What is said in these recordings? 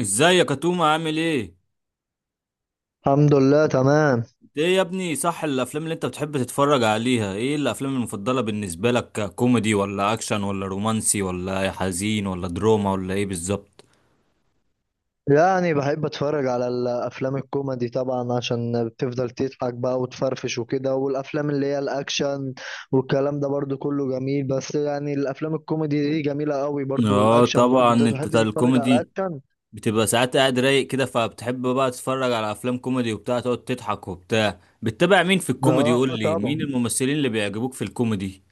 ازاي يا كتوم، عامل ايه؟ الحمد لله تمام. انت ايه يا ابني، صح، الافلام اللي انت بتحب تتفرج عليها ايه؟ الافلام المفضله بالنسبه لك كوميدي ولا اكشن ولا رومانسي ولا حزين ولا دراما ولا ايه بالظبط؟ يعني بحب اتفرج على الافلام الكوميدي طبعا عشان بتفضل تضحك بقى وتفرفش وكده، والافلام اللي هي الاكشن والكلام ده برضو كله جميل، بس يعني الافلام الكوميدي دي جميلة قوي برضو، اه والاكشن برضو. طبعا، انت انت بتحب بتاع تتفرج على الكوميدي، اكشن؟ بتبقى ساعات قاعد رايق كده فبتحب بقى تتفرج على افلام كوميدي وبتاع، تقعد تضحك وبتاع. بتتابع مين في الكوميدي؟ اه قول لي طبعا. مين الممثلين اللي بيعجبوك في الكوميدي.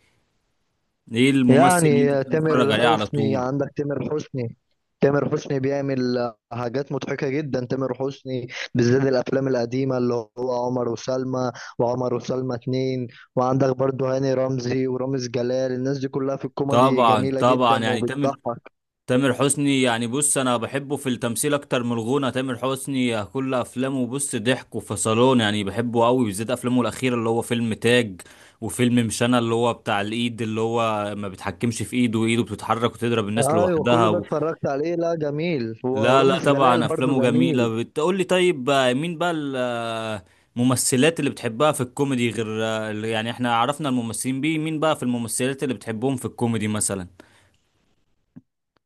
ايه الممثل اللي انت يعني بتتفرج تامر عليه على حسني، طول؟ عندك تامر حسني. تامر حسني بيعمل حاجات مضحكة جدا. تامر حسني بالذات الأفلام القديمة اللي هو عمر وسلمى، وعمر وسلمى اتنين. وعندك برضو هاني رمزي ورامز جلال، الناس دي كلها في الكوميدي طبعا جميلة طبعا، جدا يعني تامر. وبتضحك. تامر حسني، يعني بص، انا بحبه في التمثيل اكتر من الغنى. تامر حسني كل افلامه بص ضحك وفصلون، يعني بحبه قوي، بالذات افلامه الاخيره اللي هو فيلم تاج، وفيلم مش انا، اللي هو بتاع الايد اللي هو ما بيتحكمش في ايده، وايده بتتحرك وتضرب الناس أيوة كل لوحدها ده اتفرجت عليه، لا جميل، لا، ورامز جلال طبعا برضو افلامه جميله، جميل. بتقول لي طيب. مين بقى الممثلات اللي بتحبها في الكوميدي غير يعني احنا عرفنا الممثلين، بيه مين بقى في الممثلات اللي بتحبهم في الكوميدي مثلا؟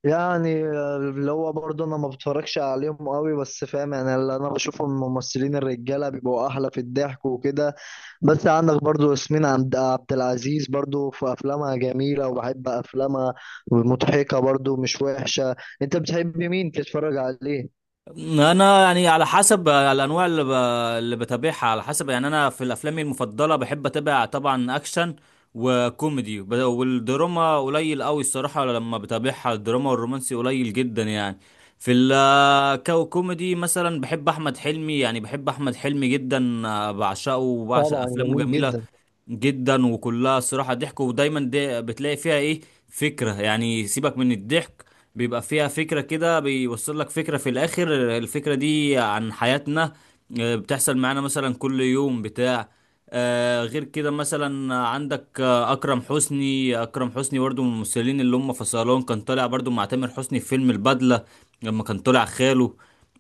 يعني اللي هو برضه انا ما بتفرجش عليهم قوي، بس فاهم، يعني اللي انا بشوفه من الممثلين الرجاله بيبقوا احلى في الضحك وكده. بس عندك برضه ياسمين عبد العزيز، برضه في افلامها جميله وبحب افلامها. مضحكه برضه مش وحشه. انت بتحب مين تتفرج عليه؟ انا يعني على حسب الانواع اللي اللي بتابعها، على حسب، يعني انا في الافلام المفضله بحب اتابع طبعا اكشن وكوميدي، والدراما قليل قوي الصراحه لما بتابعها، الدراما والرومانسي قليل جدا يعني. في الكوميدي مثلا بحب احمد حلمي، يعني بحب احمد حلمي جدا، بعشقه وبعشق طبعا افلامه، جميل جميله جدا. جدا، وكلها الصراحة ضحك، ودايما دي بتلاقي فيها ايه؟ فكرة، يعني سيبك من الضحك، بيبقى فيها فكرة كده، بيوصل لك فكرة في الآخر، الفكرة دي عن حياتنا. بتحصل معانا مثلا كل يوم بتاع. غير كده مثلا عندك أكرم حسني. أكرم حسني برضو من الممثلين اللي هم في صالون، كان طالع برضو مع تامر حسني في فيلم البدلة، لما كان طالع خاله.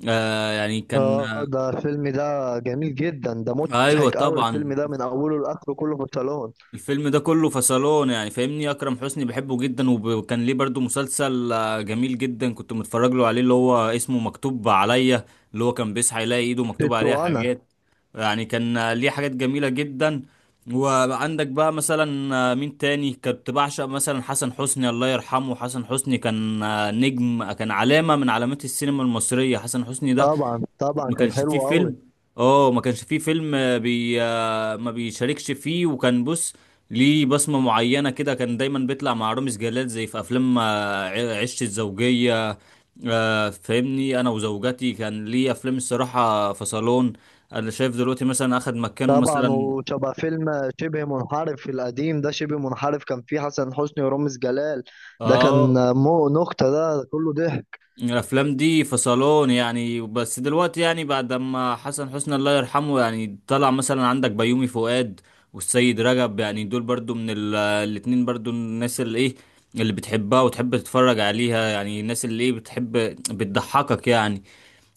يعني كان، اه ده الفيلم ده جميل جدا، ده ايوه مضحك قوي. الفيلم طبعا، ده من اوله لاخره كله في الصالون. الفيلم ده كله فصلان، يعني فاهمني، اكرم حسني بحبه جدا، وكان ليه برضو مسلسل جميل جدا، كنت متفرج له عليه، اللي هو اسمه مكتوب عليا، اللي هو كان بيصحى يلاقي ايده مكتوب ست عليها وانا. حاجات. يعني كان ليه حاجات جميلة جدا. وعندك بقى مثلا مين تاني كنت بعشق؟ مثلا حسن حسني الله يرحمه، حسن حسني كان نجم، كان علامة من علامات السينما المصرية حسن حسني ده. طبعا طبعا، ما كان كانش فيه حلو قوي. فيلم، آه، بي آه، ما بيشاركش فيه، وكان بص ليه بصمة معينة كده، كان دايما بيطلع مع رامز جلال زي في افلام عشت الزوجية. فاهمني، انا وزوجتي كان ليه افلام الصراحة فصلون. انا شايف دلوقتي مثلا اخد مكانه طبعا، مثلا. وشبه فيلم شبه منحرف القديم ده، شبه منحرف كان فيه حسن حسني ورامز جلال. ده كان اه، مو نكتة، ده كله ضحك. الافلام دي في صالون يعني، بس دلوقتي يعني بعد ما حسن حسني الله يرحمه، يعني طلع مثلا عندك بيومي فؤاد والسيد رجب، يعني دول برضو من الاتنين، برضو الناس اللي ايه، اللي بتحبها وتحب تتفرج عليها، يعني الناس اللي ايه، بتحب بتضحكك يعني.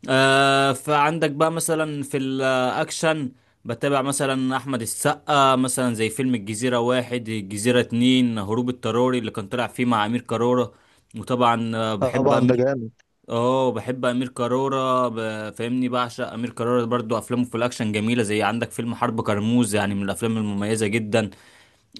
فعندك بقى مثلا في الاكشن بتابع مثلا احمد السقا، مثلا زي فيلم الجزيرة واحد، الجزيرة اتنين، هروب اضطراري اللي كان طلع فيه مع امير كرارة. وطبعا بحب طبعا ده امير. جامد. اه بحب امير كرارة، فاهمني بعشق امير كرارة، برضو افلامه في الاكشن جميله، زي عندك فيلم حرب كرموز، يعني من الافلام المميزه جدا.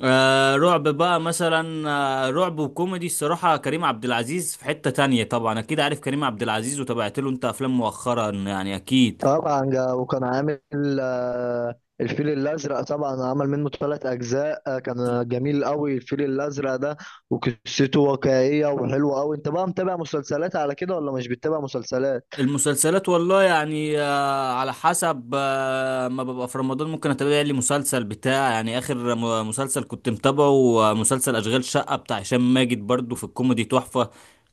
رعب بقى مثلا، رعب وكوميدي، الصراحه كريم عبد العزيز في حته تانية، طبعا اكيد عارف كريم عبد العزيز، وتابعت له انت افلام مؤخرا يعني، اكيد. طبعا جا وكان عامل آه، الفيل الأزرق. طبعا عمل منه ثلاث أجزاء، كان جميل قوي الفيل الأزرق ده، وقصته واقعية وحلوة قوي. أنت بقى متابع مسلسلات على كده ولا مش بتتابع مسلسلات؟ المسلسلات والله يعني، على حسب، ما ببقى في رمضان ممكن اتابع لي مسلسل بتاع، يعني اخر مسلسل كنت متابعه، مسلسل اشغال شقة بتاع هشام ماجد، برضو في الكوميدي تحفة.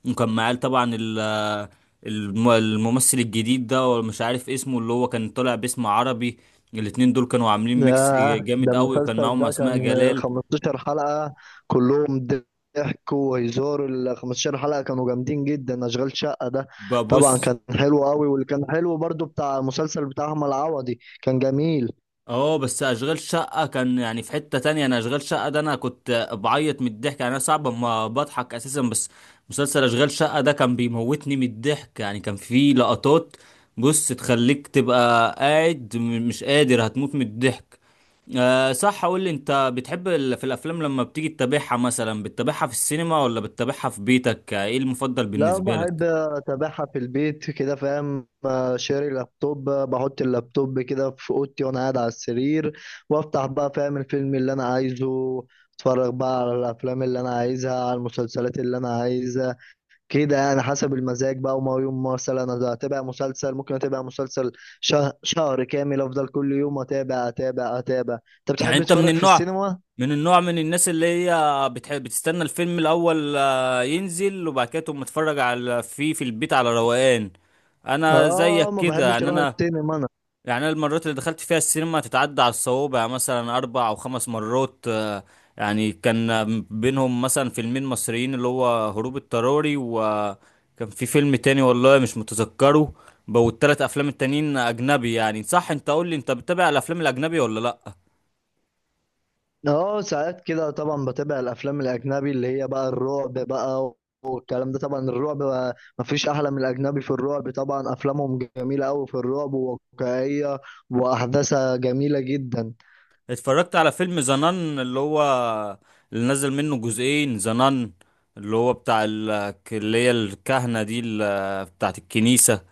وكان معاه طبعا الممثل الجديد ده، ومش عارف اسمه، اللي هو كان طالع باسم عربي. الاتنين دول كانوا عاملين ميكس ياه، ده جامد قوي، وكان المسلسل معاهم ده اسماء كان جلال. 15 حلقة. كلهم ضحك وهزار، ال 15 حلقة كانوا جامدين جدا، أشغال شقة ده. طبعا ببص. كان حلو قوي، واللي كان حلو برضو بتاع المسلسل بتاع أحمد عوضي كان جميل. اه، بس اشغال شقة كان يعني في حتة تانية، انا اشغال شقة ده انا كنت بعيط من الضحك، يعني انا صعب ما بضحك اساسا، بس مسلسل اشغال شقة ده كان بيموتني من الضحك، يعني كان فيه لقطات بص تخليك تبقى قاعد مش قادر، هتموت من الضحك. أه، صح، قول لي انت بتحب في الافلام لما بتيجي تتابعها مثلا، بتتابعها في السينما ولا بتتابعها في بيتك؟ ايه المفضل لا بالنسبة بحب لك؟ أتابعها في البيت كده، فاهم. شاري لابتوب، بحط اللابتوب كده في أوضتي وأنا قاعد على السرير، وأفتح بقى فاهم الفيلم اللي أنا عايزه. أتفرج بقى على الأفلام اللي أنا عايزها، على المسلسلات اللي أنا عايزها. كده يعني حسب المزاج بقى. وما يوم مثلا انا اتابع مسلسل، ممكن اتابع مسلسل شهر كامل، افضل كل يوم اتابع اتابع اتابع. انت يعني بتحب انت من تتفرج في النوع السينما؟ من النوع من الناس اللي هي بتحب بتستنى الفيلم الاول ينزل وبعد كده تقوم متفرج على فيه في البيت على روقان. انا زيك اه ما كده بحبش يعني اروح انا. السينما انا. يعني انا المرات اللي دخلت فيها السينما تتعدى على الصوابع، يعني مثلا اربع او خمس مرات. يعني كان بينهم مثلا فيلمين مصريين، اللي هو هروب اضطراري، وكان في فيلم تاني والله مش متذكره. والتلات افلام التانيين اجنبي يعني. صح، انت قول لي انت بتتابع الافلام الاجنبي ولا لا؟ اه ساعات كده طبعا بتابع الافلام الاجنبي، اللي هي بقى الرعب بقى والكلام ده. طبعا الرعب بقى مفيش احلى من الاجنبي في الرعب. طبعا افلامهم جميلة قوي في الرعب وواقعية، واحداثها جميلة جدا. اتفرجت على فيلم زنان، اللي هو اللي نزل منه جزئين زنان، اللي هو بتاع اللي هي الكهنة دي، بتاعت الكنيسة.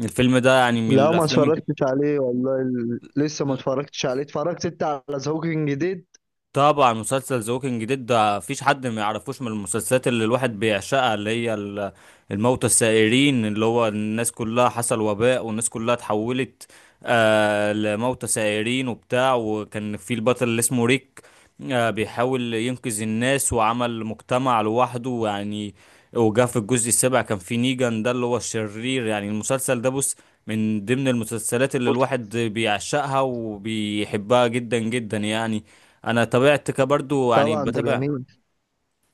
الفيلم ده يعني من لا ما الأفلام. اتفرجتش عليه والله، لسه ما اتفرجتش عليه. اتفرجت انت على ذا هوكينج جديد؟ طبعا مسلسل ذا ووكينج ديد ده مفيش حد ما يعرفوش، من المسلسلات اللي الواحد بيعشقها، اللي هي الموتى السائرين، اللي هو الناس كلها حصل وباء والناس كلها اتحولت لموتى سائرين وبتاع، وكان في البطل اللي اسمه ريك، بيحاول ينقذ الناس وعمل مجتمع لوحده ويعني، وجا في الجزء السابع كان في نيجان ده اللي هو الشرير، يعني المسلسل ده بص من ضمن المسلسلات اللي بص الواحد بيعشقها وبيحبها جدا جدا يعني. انا طبيعتي كبرضو يعني طبعا ده بتابع، جميل.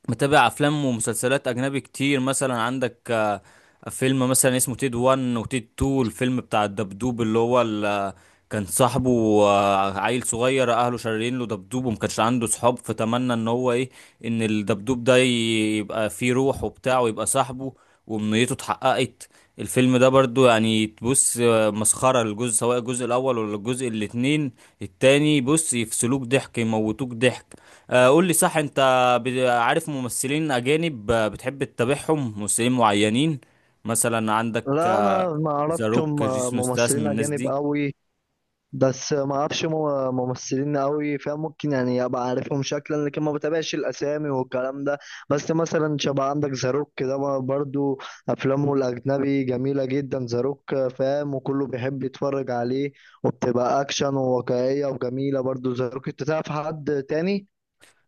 متابع افلام ومسلسلات اجنبي كتير، مثلا عندك فيلم مثلا اسمه تيد 1 وتيد 2، الفيلم بتاع الدبدوب اللي هو كان صاحبه عيل صغير، اهله شاريين له دبدوب وما كانش عنده صحاب، فتمنى ان هو ايه، ان الدبدوب ده يبقى فيه روح وبتاع ويبقى صاحبه، وامنيته اتحققت. الفيلم ده برضو يعني تبص مسخرة، الجزء سواء الجزء الاول ولا الجزء الاتنين التاني، بص يفصلوك ضحك، يموتوك ضحك. قول لي، صح انت عارف ممثلين أجانب بتحب تتابعهم؟ ممثلين معينين مثلا عندك لا انا ما ذا اعرفش هم. روك، جيسون ستاثام، ممثلين الناس اجانب دي. قوي، بس ما اعرفش هم. ممثلين قوي فاهم، ممكن يعني ابقى عارفهم شكلا، لكن ما بتابعش الاسامي والكلام ده. بس مثلا شبه عندك زاروك كده، ما برضو افلامه الاجنبي جميله جدا زاروك فاهم، وكله بيحب يتفرج عليه، وبتبقى اكشن وواقعيه وجميله برضو زاروك. انت تعرف حد تاني؟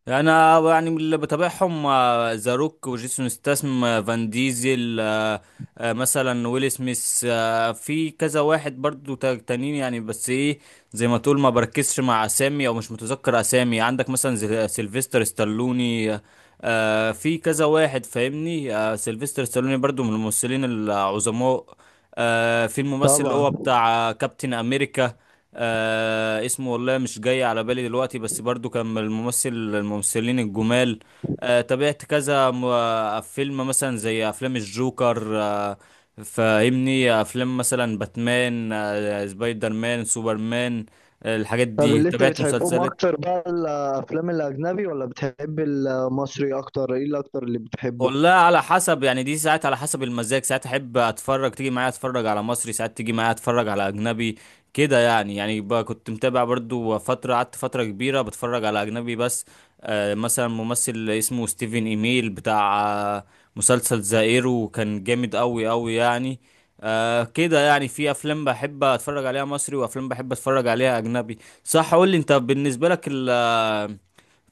انا يعني من اللي بتابعهم ذا روك وجيسون ستاثام، فان ديزل، مثلا ويل سميث، في كذا واحد برضو تانيين يعني، بس ايه، زي ما تقول ما بركزش مع اسامي او مش متذكر اسامي، عندك مثلا سيلفستر ستالوني، في كذا واحد فاهمني، سيلفستر ستالوني برضو من الممثلين العظماء. في الممثل اللي طبعا. هو بتاع كابتن امريكا. اسمه والله مش جاي على بالي دلوقتي، بس برضو كان من الممثلين الجمال. تابعت كذا فيلم مثلا زي افلام الجوكر فاهمني، افلام مثلا باتمان سبايدر مان، سوبرمان الحاجات طب دي، اللي انت تابعت بتحبهم مسلسلات. اكتر بقى، الافلام الاجنبي ولا بتحب المصري اكتر؟ ايه اللي اكتر اللي بتحبه؟ والله على حسب يعني، دي ساعات على حسب المزاج، ساعات احب اتفرج تيجي معايا اتفرج على مصري، ساعات تيجي معايا اتفرج على اجنبي. كده يعني بقى كنت متابع برضو فترة، قعدت فترة كبيرة بتفرج على اجنبي بس. مثلا ممثل اسمه ستيفن ايميل بتاع آه مسلسل ذا ايرو كان جامد قوي قوي يعني. كده يعني، في افلام بحب اتفرج عليها مصري وافلام بحب اتفرج عليها اجنبي. صح، قول لي انت بالنسبة لك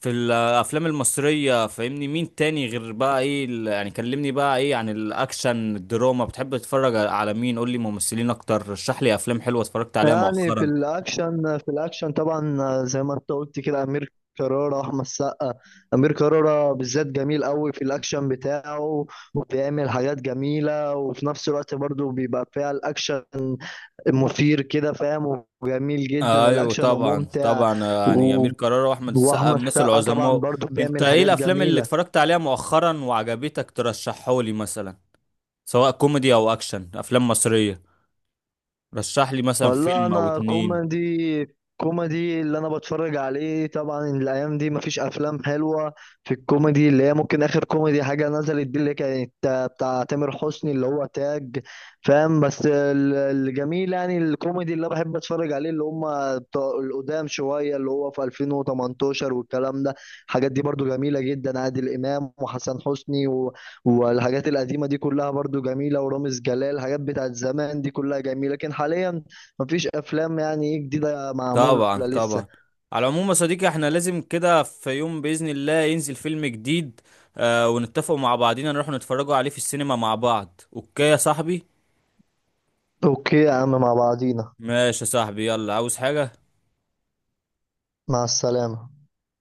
في الافلام المصريه فاهمني مين تاني غير بقى ايه يعني كلمني بقى ايه، عن الاكشن الدراما بتحب تتفرج على مين؟ قول لي ممثلين اكتر، رشح لي افلام حلوه اتفرجت عليها يعني في مؤخرا. الاكشن، في الاكشن طبعا زي ما انت قلت كده، امير كرارة احمد السقا. امير كرارة بالذات جميل قوي في الاكشن بتاعه، وبيعمل حاجات جميلة، وفي نفس الوقت برضه بيبقى فيها الاكشن مثير كده فاهم، وجميل جدا ايوه الاكشن طبعا وممتع. طبعا، يعني و... امير كرارة واحمد السقا من واحمد الناس السقا طبعا العظماء. برضه انت بيعمل ايه حاجات الافلام اللي جميلة. اتفرجت عليها مؤخرا وعجبتك ترشحه لي مثلا، سواء كوميدي او اكشن افلام مصريه؟ رشح لي مثلا والله فيلم او انا اتنين. كوميدي، كوميدي اللي انا بتفرج عليه. طبعا الايام دي مفيش افلام حلوه في الكوميدي. اللي هي ممكن اخر كوميدي حاجه نزلت دي اللي كانت بتاع تامر حسني، اللي هو تاج، فاهم. بس الجميل يعني الكوميدي اللي أنا بحب اتفرج عليه، اللي هم بتوع القدام شويه، اللي هو في 2018 والكلام ده. الحاجات دي برضو جميله جدا، عادل امام وحسن حسني، والحاجات القديمه دي كلها برضو جميله، ورامز جلال. الحاجات بتاعت زمان دي كلها جميله، لكن حاليا مفيش افلام يعني ايه جديدة معمولة طبعا لسه. طبعا، على العموم يا صديقي، احنا لازم كده في يوم بإذن الله ينزل فيلم جديد. اه، ونتفق مع بعضينا نروح نتفرجوا عليه في السينما مع بعض. اوكي يا صاحبي. اوكي يا عم، مع بعضينا. ماشي يا صاحبي، يلا عاوز حاجة؟ مع السلامة.